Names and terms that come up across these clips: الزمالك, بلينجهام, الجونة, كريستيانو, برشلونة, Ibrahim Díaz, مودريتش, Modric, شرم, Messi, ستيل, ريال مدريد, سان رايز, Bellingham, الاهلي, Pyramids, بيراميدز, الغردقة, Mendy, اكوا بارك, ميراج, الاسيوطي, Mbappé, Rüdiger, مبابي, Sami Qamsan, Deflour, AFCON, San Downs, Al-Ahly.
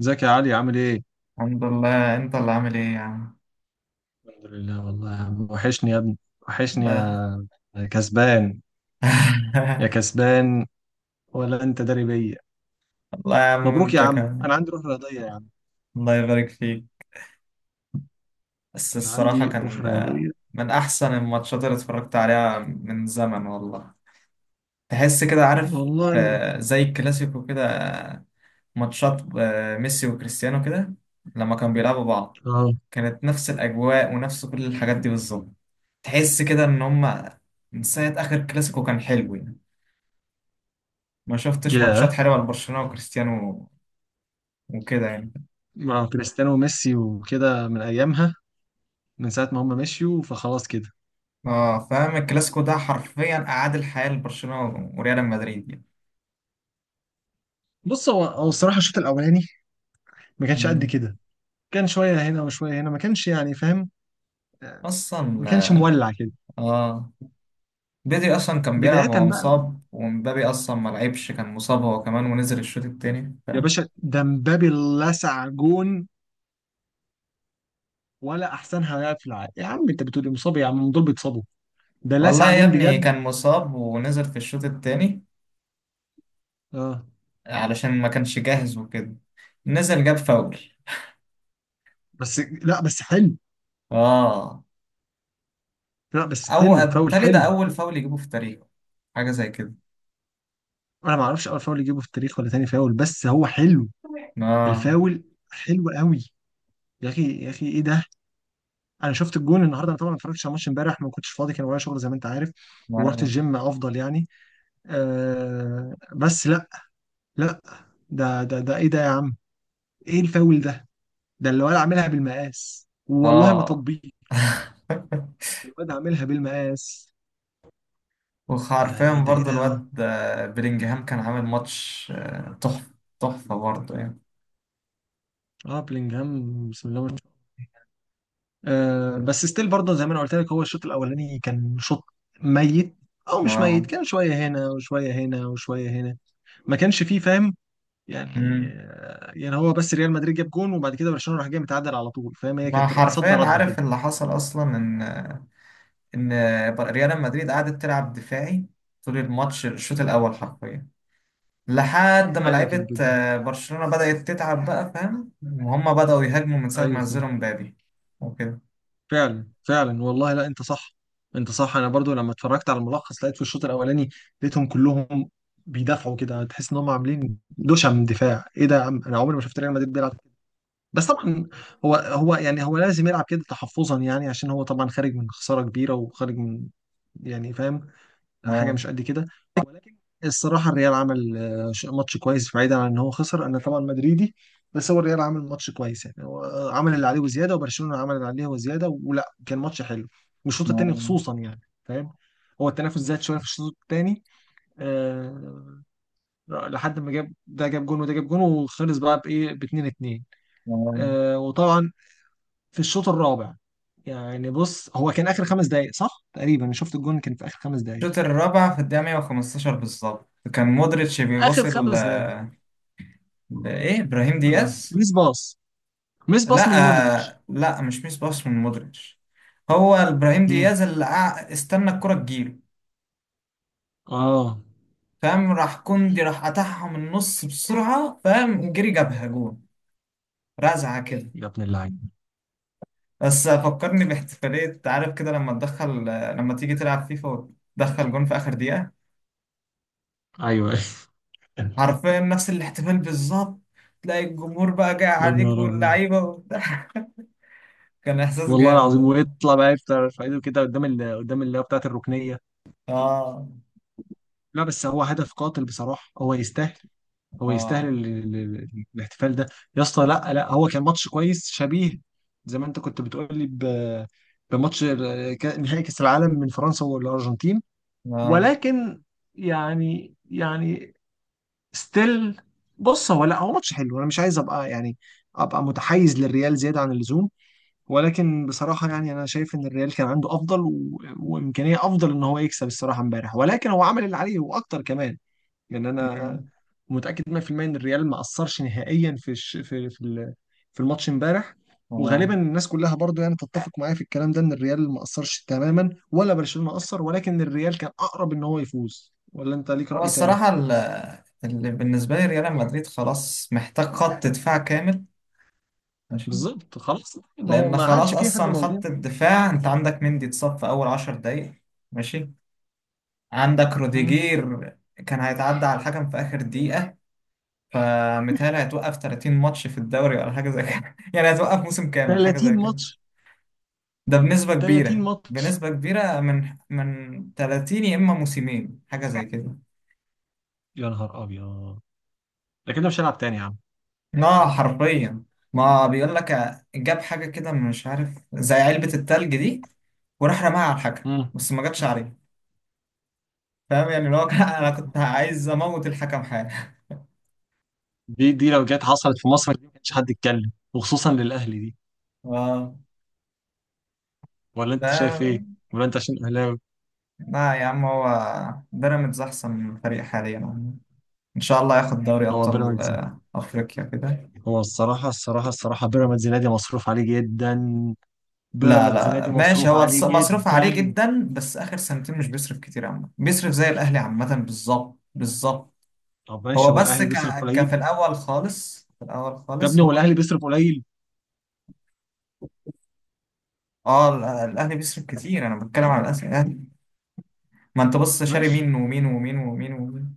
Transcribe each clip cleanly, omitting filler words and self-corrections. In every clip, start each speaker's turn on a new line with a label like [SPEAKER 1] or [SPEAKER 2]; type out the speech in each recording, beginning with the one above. [SPEAKER 1] ازيك يا علي؟ عامل ايه؟
[SPEAKER 2] الحمد لله، انت اللي عامل ايه يا عم؟
[SPEAKER 1] الحمد لله والله يا عم. وحشني يا ابني، وحشني
[SPEAKER 2] الله
[SPEAKER 1] يا كسبان، يا كسبان. ولا انت داري بيا.
[SPEAKER 2] الله يا عم
[SPEAKER 1] مبروك يا
[SPEAKER 2] انت
[SPEAKER 1] عم،
[SPEAKER 2] كمان.
[SPEAKER 1] انا عندي روح رياضية يا عم.
[SPEAKER 2] الله يبارك فيك. بس
[SPEAKER 1] انا
[SPEAKER 2] الصراحة
[SPEAKER 1] عندي روح
[SPEAKER 2] كان
[SPEAKER 1] رياضية.
[SPEAKER 2] من احسن الماتشات اللي اتفرجت عليها من زمن والله. تحس كده عارف؟
[SPEAKER 1] والله.
[SPEAKER 2] زي الكلاسيكو كده، ماتشات ميسي وكريستيانو كده لما كانوا بيلعبوا بعض.
[SPEAKER 1] اه.
[SPEAKER 2] كانت نفس الاجواء ونفس كل الحاجات دي بالظبط. تحس كده ان هما من ساعة اخر كلاسيكو كان حلو يعني. ما شفتش ماتشات
[SPEAKER 1] ياه.
[SPEAKER 2] حلوة لبرشلونة وكريستيانو وكده يعني.
[SPEAKER 1] مع كريستيانو وميسي وكده من ايامها، من ساعة ما هم مشيوا فخلاص كده.
[SPEAKER 2] اه، فاهم الكلاسيكو ده حرفيا اعاد الحياه لبرشلونه وريال مدريد يعني.
[SPEAKER 1] بص، هو الصراحة الشوط الاولاني ما كانش قد
[SPEAKER 2] مم.
[SPEAKER 1] كده. كان شوية هنا وشوية هنا، ما كانش يعني فاهم. آه، ما
[SPEAKER 2] اصلا،
[SPEAKER 1] كانش مولع كده.
[SPEAKER 2] اه، بدري اصلا كان بيلعب
[SPEAKER 1] بداية بقى
[SPEAKER 2] وهو مصاب، ومبابي اصلا ما لعبش، كان مصاب هو كمان ونزل الشوط التاني
[SPEAKER 1] يا باشا، ده مبابي لسع جون. ولا احسنها لاعب في العالم؟ يا عم انت بتقول إيه؟ مصاب؟ يا عم دول بيتصابوا. ده
[SPEAKER 2] والله
[SPEAKER 1] لسع
[SPEAKER 2] يا
[SPEAKER 1] جون
[SPEAKER 2] ابني
[SPEAKER 1] بجد.
[SPEAKER 2] كان مصاب ونزل في الشوط التاني
[SPEAKER 1] اه
[SPEAKER 2] علشان ما كانش جاهز وكده. نزل جاب فاول.
[SPEAKER 1] بس لا، بس حلو.
[SPEAKER 2] اه،
[SPEAKER 1] لا بس
[SPEAKER 2] او
[SPEAKER 1] حلو، فاول
[SPEAKER 2] بالتالي ده
[SPEAKER 1] حلو.
[SPEAKER 2] اول فاول يجيبه في تاريخه، حاجه زي كده.
[SPEAKER 1] انا ما اعرفش اول فاول يجيبه في التاريخ ولا تاني فاول، بس هو حلو،
[SPEAKER 2] اه.
[SPEAKER 1] الفاول. حلو قوي. يا اخي يا اخي ايه ده! انا شفت الجون النهارده. انا طبعا ما اتفرجتش على الماتش امبارح، ما كنتش فاضي، كان ورايا شغل زي ما انت عارف. ورحت
[SPEAKER 2] اه.
[SPEAKER 1] الجيم افضل يعني. آه بس لا، لا، ده ايه ده يا عم؟ ايه الفاول ده؟ ده اللي ولا عاملها بالمقاس، والله ما
[SPEAKER 2] آه.
[SPEAKER 1] تطبيق. الواد عاملها بالمقاس.
[SPEAKER 2] وحرفيا
[SPEAKER 1] يعني ده ايه
[SPEAKER 2] برضه
[SPEAKER 1] ده
[SPEAKER 2] الواد بلينجهام كان عامل ماتش تحفة. تحفة برضه يعني.
[SPEAKER 1] اه بلينجهام، بسم الله ما شاء الله. آه بس ستيل، برضه زي ما انا قلت لك، هو الشوط الاولاني كان شوط ميت. او مش
[SPEAKER 2] اه.
[SPEAKER 1] ميت، كان شويه هنا وشويه هنا وشويه هنا، ما كانش فيه فاهم يعني.
[SPEAKER 2] أمم.
[SPEAKER 1] يعني هو بس ريال مدريد جاب جون وبعد كده برشلونه راح جاي متعادل على طول، فاهم؟ هي
[SPEAKER 2] ما
[SPEAKER 1] كانت صد
[SPEAKER 2] حرفيا
[SPEAKER 1] رده
[SPEAKER 2] عارف
[SPEAKER 1] كده.
[SPEAKER 2] اللي حصل اصلا ان ريال مدريد قعدت تلعب دفاعي طول الماتش، الشوط الاول
[SPEAKER 1] آه.
[SPEAKER 2] حرفيا، لحد ما
[SPEAKER 1] ايوه
[SPEAKER 2] لعيبة
[SPEAKER 1] كانت بجد.
[SPEAKER 2] برشلونة بدأت تتعب بقى فاهم، وهم بدأوا يهاجموا من ساعة
[SPEAKER 1] ايوه
[SPEAKER 2] ما نزلوا مبابي وكده.
[SPEAKER 1] فعلا فعلا، والله لا انت صح. انت صح. انا برضو لما اتفرجت على الملخص لقيت في الشوط الاولاني، لقيتهم كلهم بيدافعوا كده، تحس ان هم عاملين دوشه من دفاع. ايه ده يا عم، انا عمري ما شفت ريال مدريد بيلعب كده. بس طبعا هو يعني هو لازم يلعب كده تحفظا يعني، عشان هو طبعا خارج من خساره كبيره وخارج من، يعني فاهم، حاجه
[SPEAKER 2] اه.
[SPEAKER 1] مش قد كده. ولكن الصراحه الريال عمل، ماتش كويس، بعيدا عن ان هو خسر. انا طبعا مدريدي، بس هو الريال عمل ماتش كويس يعني. هو عمل اللي عليه وزياده، وبرشلونه عمل اللي عليه وزياده، ولا كان ماتش حلو. والشوط الثاني
[SPEAKER 2] اه.
[SPEAKER 1] خصوصا يعني فاهم، هو التنافس زاد شويه في الشوط الثاني. أه. لحد ما جاب ده جاب جون وده جاب جون، وخلص بقى بايه، ب 2-2.
[SPEAKER 2] اه.
[SPEAKER 1] أه وطبعا في الشوط الرابع، يعني بص هو كان اخر 5 دقائق صح تقريبا، شفت الجون كان في اخر 5 دقائق.
[SPEAKER 2] الشوط الرابع في الدقيقة 115 بالظبط كان مودريتش
[SPEAKER 1] اخر
[SPEAKER 2] بيباصي
[SPEAKER 1] خمس دقائق.
[SPEAKER 2] لإيه إبراهيم
[SPEAKER 1] اه
[SPEAKER 2] دياز.
[SPEAKER 1] ميس باص. ميس باص من مودريتش.
[SPEAKER 2] لا لا، مش ميس باص من مودريتش. هو ابراهيم
[SPEAKER 1] مم.
[SPEAKER 2] دياز اللي استنى الكرة تجيله.
[SPEAKER 1] اه.
[SPEAKER 2] فاهم راح كوندي راح قطعها من النص بسرعة، فاهم جري جابها جون، رزعة كده.
[SPEAKER 1] يا ابن اللعيبه!
[SPEAKER 2] بس فكرني باحتفالية عارف كده، لما تدخل، لما تيجي تلعب فيفا وتدخل جون في آخر دقيقة.
[SPEAKER 1] ايوه يا
[SPEAKER 2] حرفيا نفس الاحتفال بالظبط، تلاقي الجمهور بقى جاي عليك
[SPEAKER 1] نهار ابيض.
[SPEAKER 2] واللعيبة وبتاع. كان إحساس
[SPEAKER 1] والله
[SPEAKER 2] جامد.
[SPEAKER 1] العظيم ويطلع بقى يفطر في ايده كده قدام قدام اللي هو بتاعت الركنيه.
[SPEAKER 2] اه.
[SPEAKER 1] لا بس هو هدف قاتل بصراحه، هو يستاهل. هو يستاهل
[SPEAKER 2] اه.
[SPEAKER 1] الاحتفال ده. يا اسطى لا لا، هو كان ماتش كويس، شبيه زي ما انت كنت بتقول لي بماتش نهائي كاس العالم من فرنسا والارجنتين.
[SPEAKER 2] اه.
[SPEAKER 1] ولكن يعني يعني ستيل، بص هو لا هو ماتش حلو، انا مش عايز ابقى يعني ابقى متحيز للريال زياده عن اللزوم. ولكن بصراحه يعني انا شايف ان الريال كان عنده افضل وامكانيه افضل ان هو يكسب الصراحه امبارح، ولكن هو عمل اللي عليه واكتر كمان. لان انا
[SPEAKER 2] مم.
[SPEAKER 1] متاكد 100% ان الريال ما اثرش نهائيا في الش... في في ال- في الماتش امبارح. وغالبا
[SPEAKER 2] اه.
[SPEAKER 1] الناس كلها برضو يعني تتفق معايا في الكلام ده، ان الريال ما اثرش تماما ولا برشلونه اثر، ولكن الريال كان اقرب ان هو يفوز. ولا انت ليك
[SPEAKER 2] هو
[SPEAKER 1] راي تاني؟
[SPEAKER 2] الصراحة اللي بالنسبة لي ريال مدريد خلاص محتاج خط دفاع كامل. ماشي.
[SPEAKER 1] بالظبط، خلاص ما هو
[SPEAKER 2] لأن
[SPEAKER 1] ما
[SPEAKER 2] خلاص
[SPEAKER 1] عادش في حد
[SPEAKER 2] أصلا
[SPEAKER 1] موجود.
[SPEAKER 2] خط الدفاع أنت عندك مندي اتصاب في أول عشر دقايق. ماشي. عندك
[SPEAKER 1] مم.
[SPEAKER 2] روديجير كان هيتعدى على الحكم في آخر دقيقة، فمتهيألي هيتوقف 30 ماتش في الدوري، ولا حاجة زي كده. يعني هيتوقف موسم كامل، حاجة
[SPEAKER 1] 30
[SPEAKER 2] زي كده.
[SPEAKER 1] ماتش؟
[SPEAKER 2] ده بنسبة
[SPEAKER 1] 30
[SPEAKER 2] كبيرة،
[SPEAKER 1] ماتش؟
[SPEAKER 2] بنسبة كبيرة، من 30 يا إما موسمين، حاجة زي كده.
[SPEAKER 1] يا نهار ابيض، ده كده مش هلعب تاني يا عم.
[SPEAKER 2] اه حرفيا. ما بيقول لك جاب حاجة كده مش عارف، زي علبة التلج دي، وراح رماها على الحكم
[SPEAKER 1] مم.
[SPEAKER 2] بس ما جاتش عليه. فاهم يعني، اللي هو انا كنت عايز اموت الحكم، حاجة.
[SPEAKER 1] دي دي لو جت حصلت في مصر، دي ما كانش حد يتكلم، وخصوصا للاهلي دي.
[SPEAKER 2] اه.
[SPEAKER 1] ولا
[SPEAKER 2] ف
[SPEAKER 1] انت شايف ايه؟ ولا انت عشان اهلاوي؟
[SPEAKER 2] لا يا عم، هو بيراميدز احسن فريق حاليا يعني. ان شاء الله ياخد دوري
[SPEAKER 1] هو
[SPEAKER 2] ابطال
[SPEAKER 1] بيراميدز،
[SPEAKER 2] افريقيا كده.
[SPEAKER 1] هو الصراحه الصراحه الصراحه بيراميدز نادي مصروف عليه جدا.
[SPEAKER 2] لا
[SPEAKER 1] بيراميدز
[SPEAKER 2] لا
[SPEAKER 1] نادي
[SPEAKER 2] ماشي،
[SPEAKER 1] مصروف
[SPEAKER 2] هو
[SPEAKER 1] عليه
[SPEAKER 2] مصروف عليه
[SPEAKER 1] جدا.
[SPEAKER 2] جدا، بس اخر سنتين مش بيصرف كتير عامة، بيصرف زي الاهلي عامة، بالظبط بالظبط.
[SPEAKER 1] طب
[SPEAKER 2] هو
[SPEAKER 1] ماشي، هو
[SPEAKER 2] بس
[SPEAKER 1] الاهلي بيصرف
[SPEAKER 2] في
[SPEAKER 1] قليل؟
[SPEAKER 2] الاول خالص، في الاول
[SPEAKER 1] يا
[SPEAKER 2] خالص،
[SPEAKER 1] ابني هو
[SPEAKER 2] هو.
[SPEAKER 1] الاهلي بيصرف قليل؟
[SPEAKER 2] اه الاهلي بيصرف كتير، انا بتكلم على الاهلي. ما انت بص، شاري
[SPEAKER 1] ماشي
[SPEAKER 2] مين ومين ومين ومين ومين.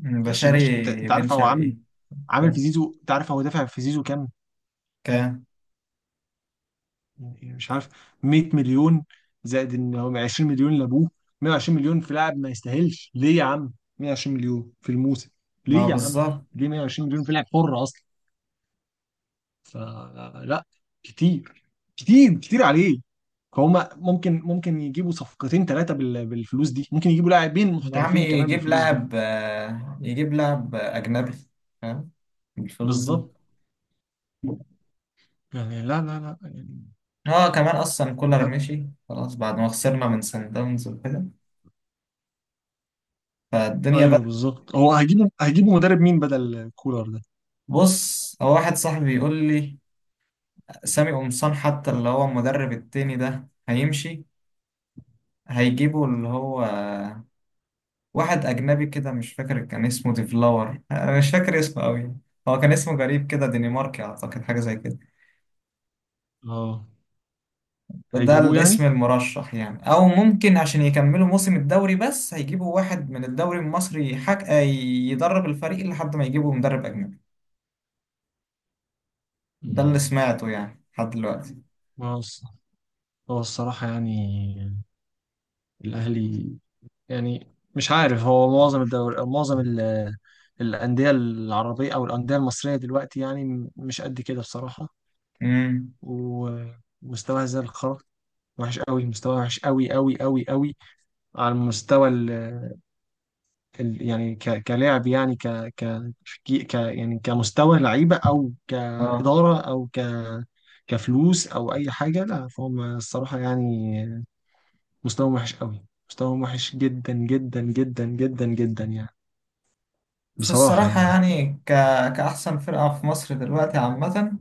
[SPEAKER 2] ده
[SPEAKER 1] ماشي
[SPEAKER 2] شاري
[SPEAKER 1] ماشي. انت انت
[SPEAKER 2] بن
[SPEAKER 1] عارف هو عامل،
[SPEAKER 2] شرقي.
[SPEAKER 1] عامل في
[SPEAKER 2] ك-
[SPEAKER 1] زيزو، انت عارف هو دافع في زيزو كام؟
[SPEAKER 2] كام؟
[SPEAKER 1] يعني مش عارف، 100 مليون، زائد ان هم 20 مليون لابوه. 120 مليون في لاعب ما يستاهلش، ليه يا عم؟ 120 مليون في الموسم،
[SPEAKER 2] ما
[SPEAKER 1] ليه يا عم؟
[SPEAKER 2] بالظبط.
[SPEAKER 1] ليه 120 مليون في لاعب حر اصلا؟ فلا، كتير كتير كتير عليه. فهم ممكن ممكن يجيبوا صفقتين ثلاثة بالفلوس دي، ممكن يجيبوا لاعبين
[SPEAKER 2] يا عم
[SPEAKER 1] محترفين كمان
[SPEAKER 2] يجيب
[SPEAKER 1] بالفلوس دي.
[SPEAKER 2] لاعب، يجيب لاعب اجنبي فاهم، بالفلوس دي.
[SPEAKER 1] بالظبط. يعني لا لا لا يعني.
[SPEAKER 2] اه كمان اصلا كولر
[SPEAKER 1] لا.
[SPEAKER 2] مشي خلاص بعد ما خسرنا من سان داونز وكده، فالدنيا
[SPEAKER 1] ايوه
[SPEAKER 2] بقى.
[SPEAKER 1] بالظبط، هو هجيبوا مدرب مين بدل كولر ده؟
[SPEAKER 2] بص، هو واحد صاحبي يقول لي، سامي قمصان حتى اللي هو المدرب التاني ده هيمشي، هيجيبوا اللي هو واحد أجنبي كده، مش فاكر كان اسمه ديفلاور، أنا مش فاكر اسمه أوي، هو كان اسمه غريب كده، دنماركي أعتقد، حاجة زي كده.
[SPEAKER 1] اه
[SPEAKER 2] ده
[SPEAKER 1] هيجيبوه
[SPEAKER 2] الاسم
[SPEAKER 1] يعني.
[SPEAKER 2] المرشح يعني، أو ممكن عشان يكملوا موسم الدوري بس هيجيبوا واحد من الدوري المصري حك... آه، يدرب الفريق لحد ما يجيبوا مدرب أجنبي. ده اللي
[SPEAKER 1] مم.
[SPEAKER 2] سمعته يعني لحد دلوقتي.
[SPEAKER 1] هو الص- هو الصراحة يعني الأهلي يعني مش عارف. هو معظم الدوري، معظم الأندية العربية أو الأندية المصرية دلوقتي يعني مش قد كده بصراحة.
[SPEAKER 2] امم
[SPEAKER 1] ومستواها زي الخرا، وحش قوي مستواها، وحش قوي قوي قوي قوي. على المستوى يعني كلاعب، يعني ك ك يعني كمستوى لعيبه، او
[SPEAKER 2] اه،
[SPEAKER 1] كاداره، او كفلوس، او اي حاجه، لا فهم الصراحه يعني. مستواهم وحش قوي، مستواهم وحش جدا جدا جدا جدا جدا يعني،
[SPEAKER 2] بس
[SPEAKER 1] بصراحه
[SPEAKER 2] الصراحة
[SPEAKER 1] يعني.
[SPEAKER 2] يعني كأحسن فرقة في مصر دلوقتي عامة،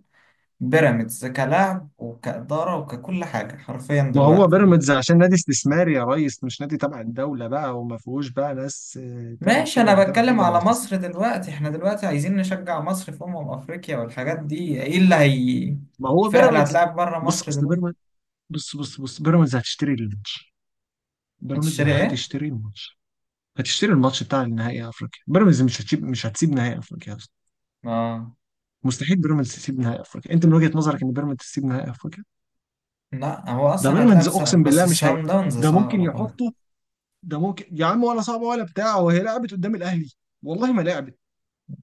[SPEAKER 2] بيراميدز كلاعب وكإدارة وككل حاجة، حرفيا
[SPEAKER 1] ما هو
[SPEAKER 2] دلوقتي يعني.
[SPEAKER 1] بيراميدز عشان نادي استثماري يا ريس، مش نادي تبع الدوله بقى، وما فيهوش بقى ناس تلعب
[SPEAKER 2] ماشي،
[SPEAKER 1] كده
[SPEAKER 2] أنا
[SPEAKER 1] ولا تلعب
[SPEAKER 2] بتكلم
[SPEAKER 1] كده، ما هو
[SPEAKER 2] على مصر
[SPEAKER 1] استثماري.
[SPEAKER 2] دلوقتي، احنا دلوقتي عايزين نشجع مصر في أمم أفريقيا والحاجات دي، ايه اللي هي
[SPEAKER 1] ما هو
[SPEAKER 2] الفرقة اللي
[SPEAKER 1] بيراميدز.
[SPEAKER 2] هتلعب بره
[SPEAKER 1] بص
[SPEAKER 2] مصر
[SPEAKER 1] اصل
[SPEAKER 2] دلوقتي؟
[SPEAKER 1] بيراميدز، بص بيراميدز هتشتري الماتش، بيراميدز
[SPEAKER 2] هتشتري ايه؟
[SPEAKER 1] هتشتري الماتش. هتشتري الماتش بتاع النهائي افريقيا، بيراميدز مش هتسيب، مش هتسيب نهائي افريقيا اصلا.
[SPEAKER 2] اه.
[SPEAKER 1] مستحيل بيراميدز تسيب نهائي افريقيا. انت من وجهة نظرك ان بيراميدز تسيب نهائي افريقيا؟
[SPEAKER 2] لا، هو
[SPEAKER 1] ده
[SPEAKER 2] أصلا هتلعب
[SPEAKER 1] بيراميدز اقسم
[SPEAKER 2] بس
[SPEAKER 1] بالله مش هي.
[SPEAKER 2] الساوند داونز
[SPEAKER 1] ده
[SPEAKER 2] صعبة
[SPEAKER 1] ممكن
[SPEAKER 2] برضه.
[SPEAKER 1] يحطه. ده ممكن يا عم، ولا صعبه ولا بتاع، وهي لعبت قدام الاهلي؟ والله ما لعبت.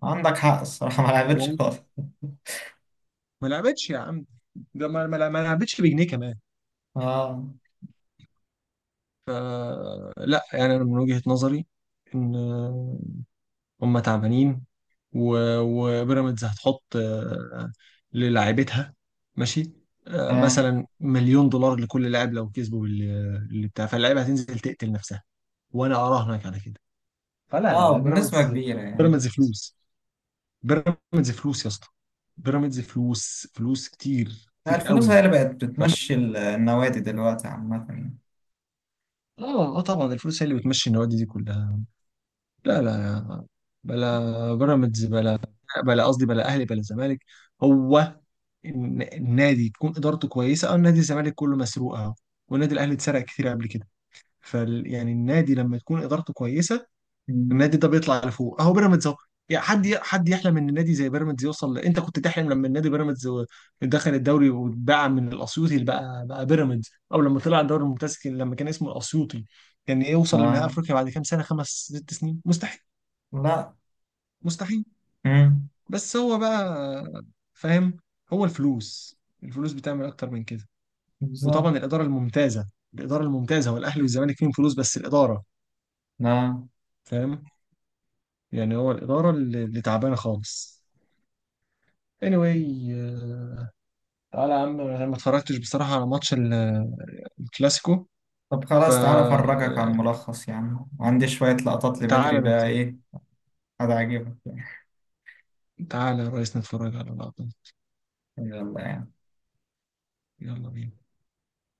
[SPEAKER 2] عندك حق الصراحة، ما لعبتش
[SPEAKER 1] والله
[SPEAKER 2] خالص.
[SPEAKER 1] ما لعبتش يا عم، ده ما لعبتش بجنيه كمان.
[SPEAKER 2] اه.
[SPEAKER 1] لا يعني انا من وجهة نظري ان هم تعبانين، وبيراميدز هتحط للاعيبتها، ماشي،
[SPEAKER 2] اه.
[SPEAKER 1] مثلا $1 مليون لكل لاعب لو كسبوا اللي بتاع، فاللعيبه هتنزل تقتل نفسها، وانا اراهنك على كده. فلا لا
[SPEAKER 2] اه،
[SPEAKER 1] لا،
[SPEAKER 2] بنسبة
[SPEAKER 1] بيراميدز،
[SPEAKER 2] كبيرة يعني.
[SPEAKER 1] بيراميدز فلوس. بيراميدز فلوس يا اسطى، بيراميدز فلوس، فلوس كتير كتير
[SPEAKER 2] الفلوس هي
[SPEAKER 1] قوي.
[SPEAKER 2] اللي بقت
[SPEAKER 1] ف...
[SPEAKER 2] بتمشي النوادي دلوقتي عامة يعني.
[SPEAKER 1] اه اه طبعا الفلوس هي اللي بتمشي النوادي دي كلها. لا لا لا، بلا بيراميدز بلا، بلا قصدي بلا اهلي بلا زمالك. هو النادي تكون ادارته كويسه. او نادي الزمالك كله مسروق اهو، والنادي الاهلي اتسرق كتير قبل كده، فال يعني النادي لما تكون ادارته كويسه، النادي
[SPEAKER 2] مم.
[SPEAKER 1] ده بيطلع لفوق اهو، بيراميدز اهو. يعني حد حد يحلم ان النادي زي بيراميدز يوصل انت كنت تحلم لما النادي بيراميدز دخل الدوري واتباع من الاسيوطي، اللي بقى بقى بيراميدز، او لما طلع الدوري الممتاز لما كان اسمه الاسيوطي، كان يوصل لنهائي
[SPEAKER 2] اه.
[SPEAKER 1] افريقيا بعد كام سنه، 5 6 سنين، مستحيل.
[SPEAKER 2] لا.
[SPEAKER 1] مستحيل.
[SPEAKER 2] مم.
[SPEAKER 1] بس هو بقى، فاهم، هو الفلوس، الفلوس بتعمل اكتر من كده.
[SPEAKER 2] بالظبط.
[SPEAKER 1] وطبعا الاداره الممتازه. الاداره الممتازه، والاهلي والزمالك فيهم فلوس بس الاداره،
[SPEAKER 2] لا،
[SPEAKER 1] فاهم يعني، هو الاداره اللي تعبانه خالص. anyway، تعالى يا عم، انا ما اتفرجتش بصراحه على ماتش الكلاسيكو،
[SPEAKER 2] طب خلاص، تعالى أفرجك
[SPEAKER 1] فتعالى،
[SPEAKER 2] عن ملخص، يعني عندي شوية لقطات لبدري
[SPEAKER 1] تعالى نت-
[SPEAKER 2] بقى، إيه، هتعجبك يعني.
[SPEAKER 1] تعالى يا ريس نتفرج على اللقطه دي.
[SPEAKER 2] يلا يعني
[SPEAKER 1] يلا بينا.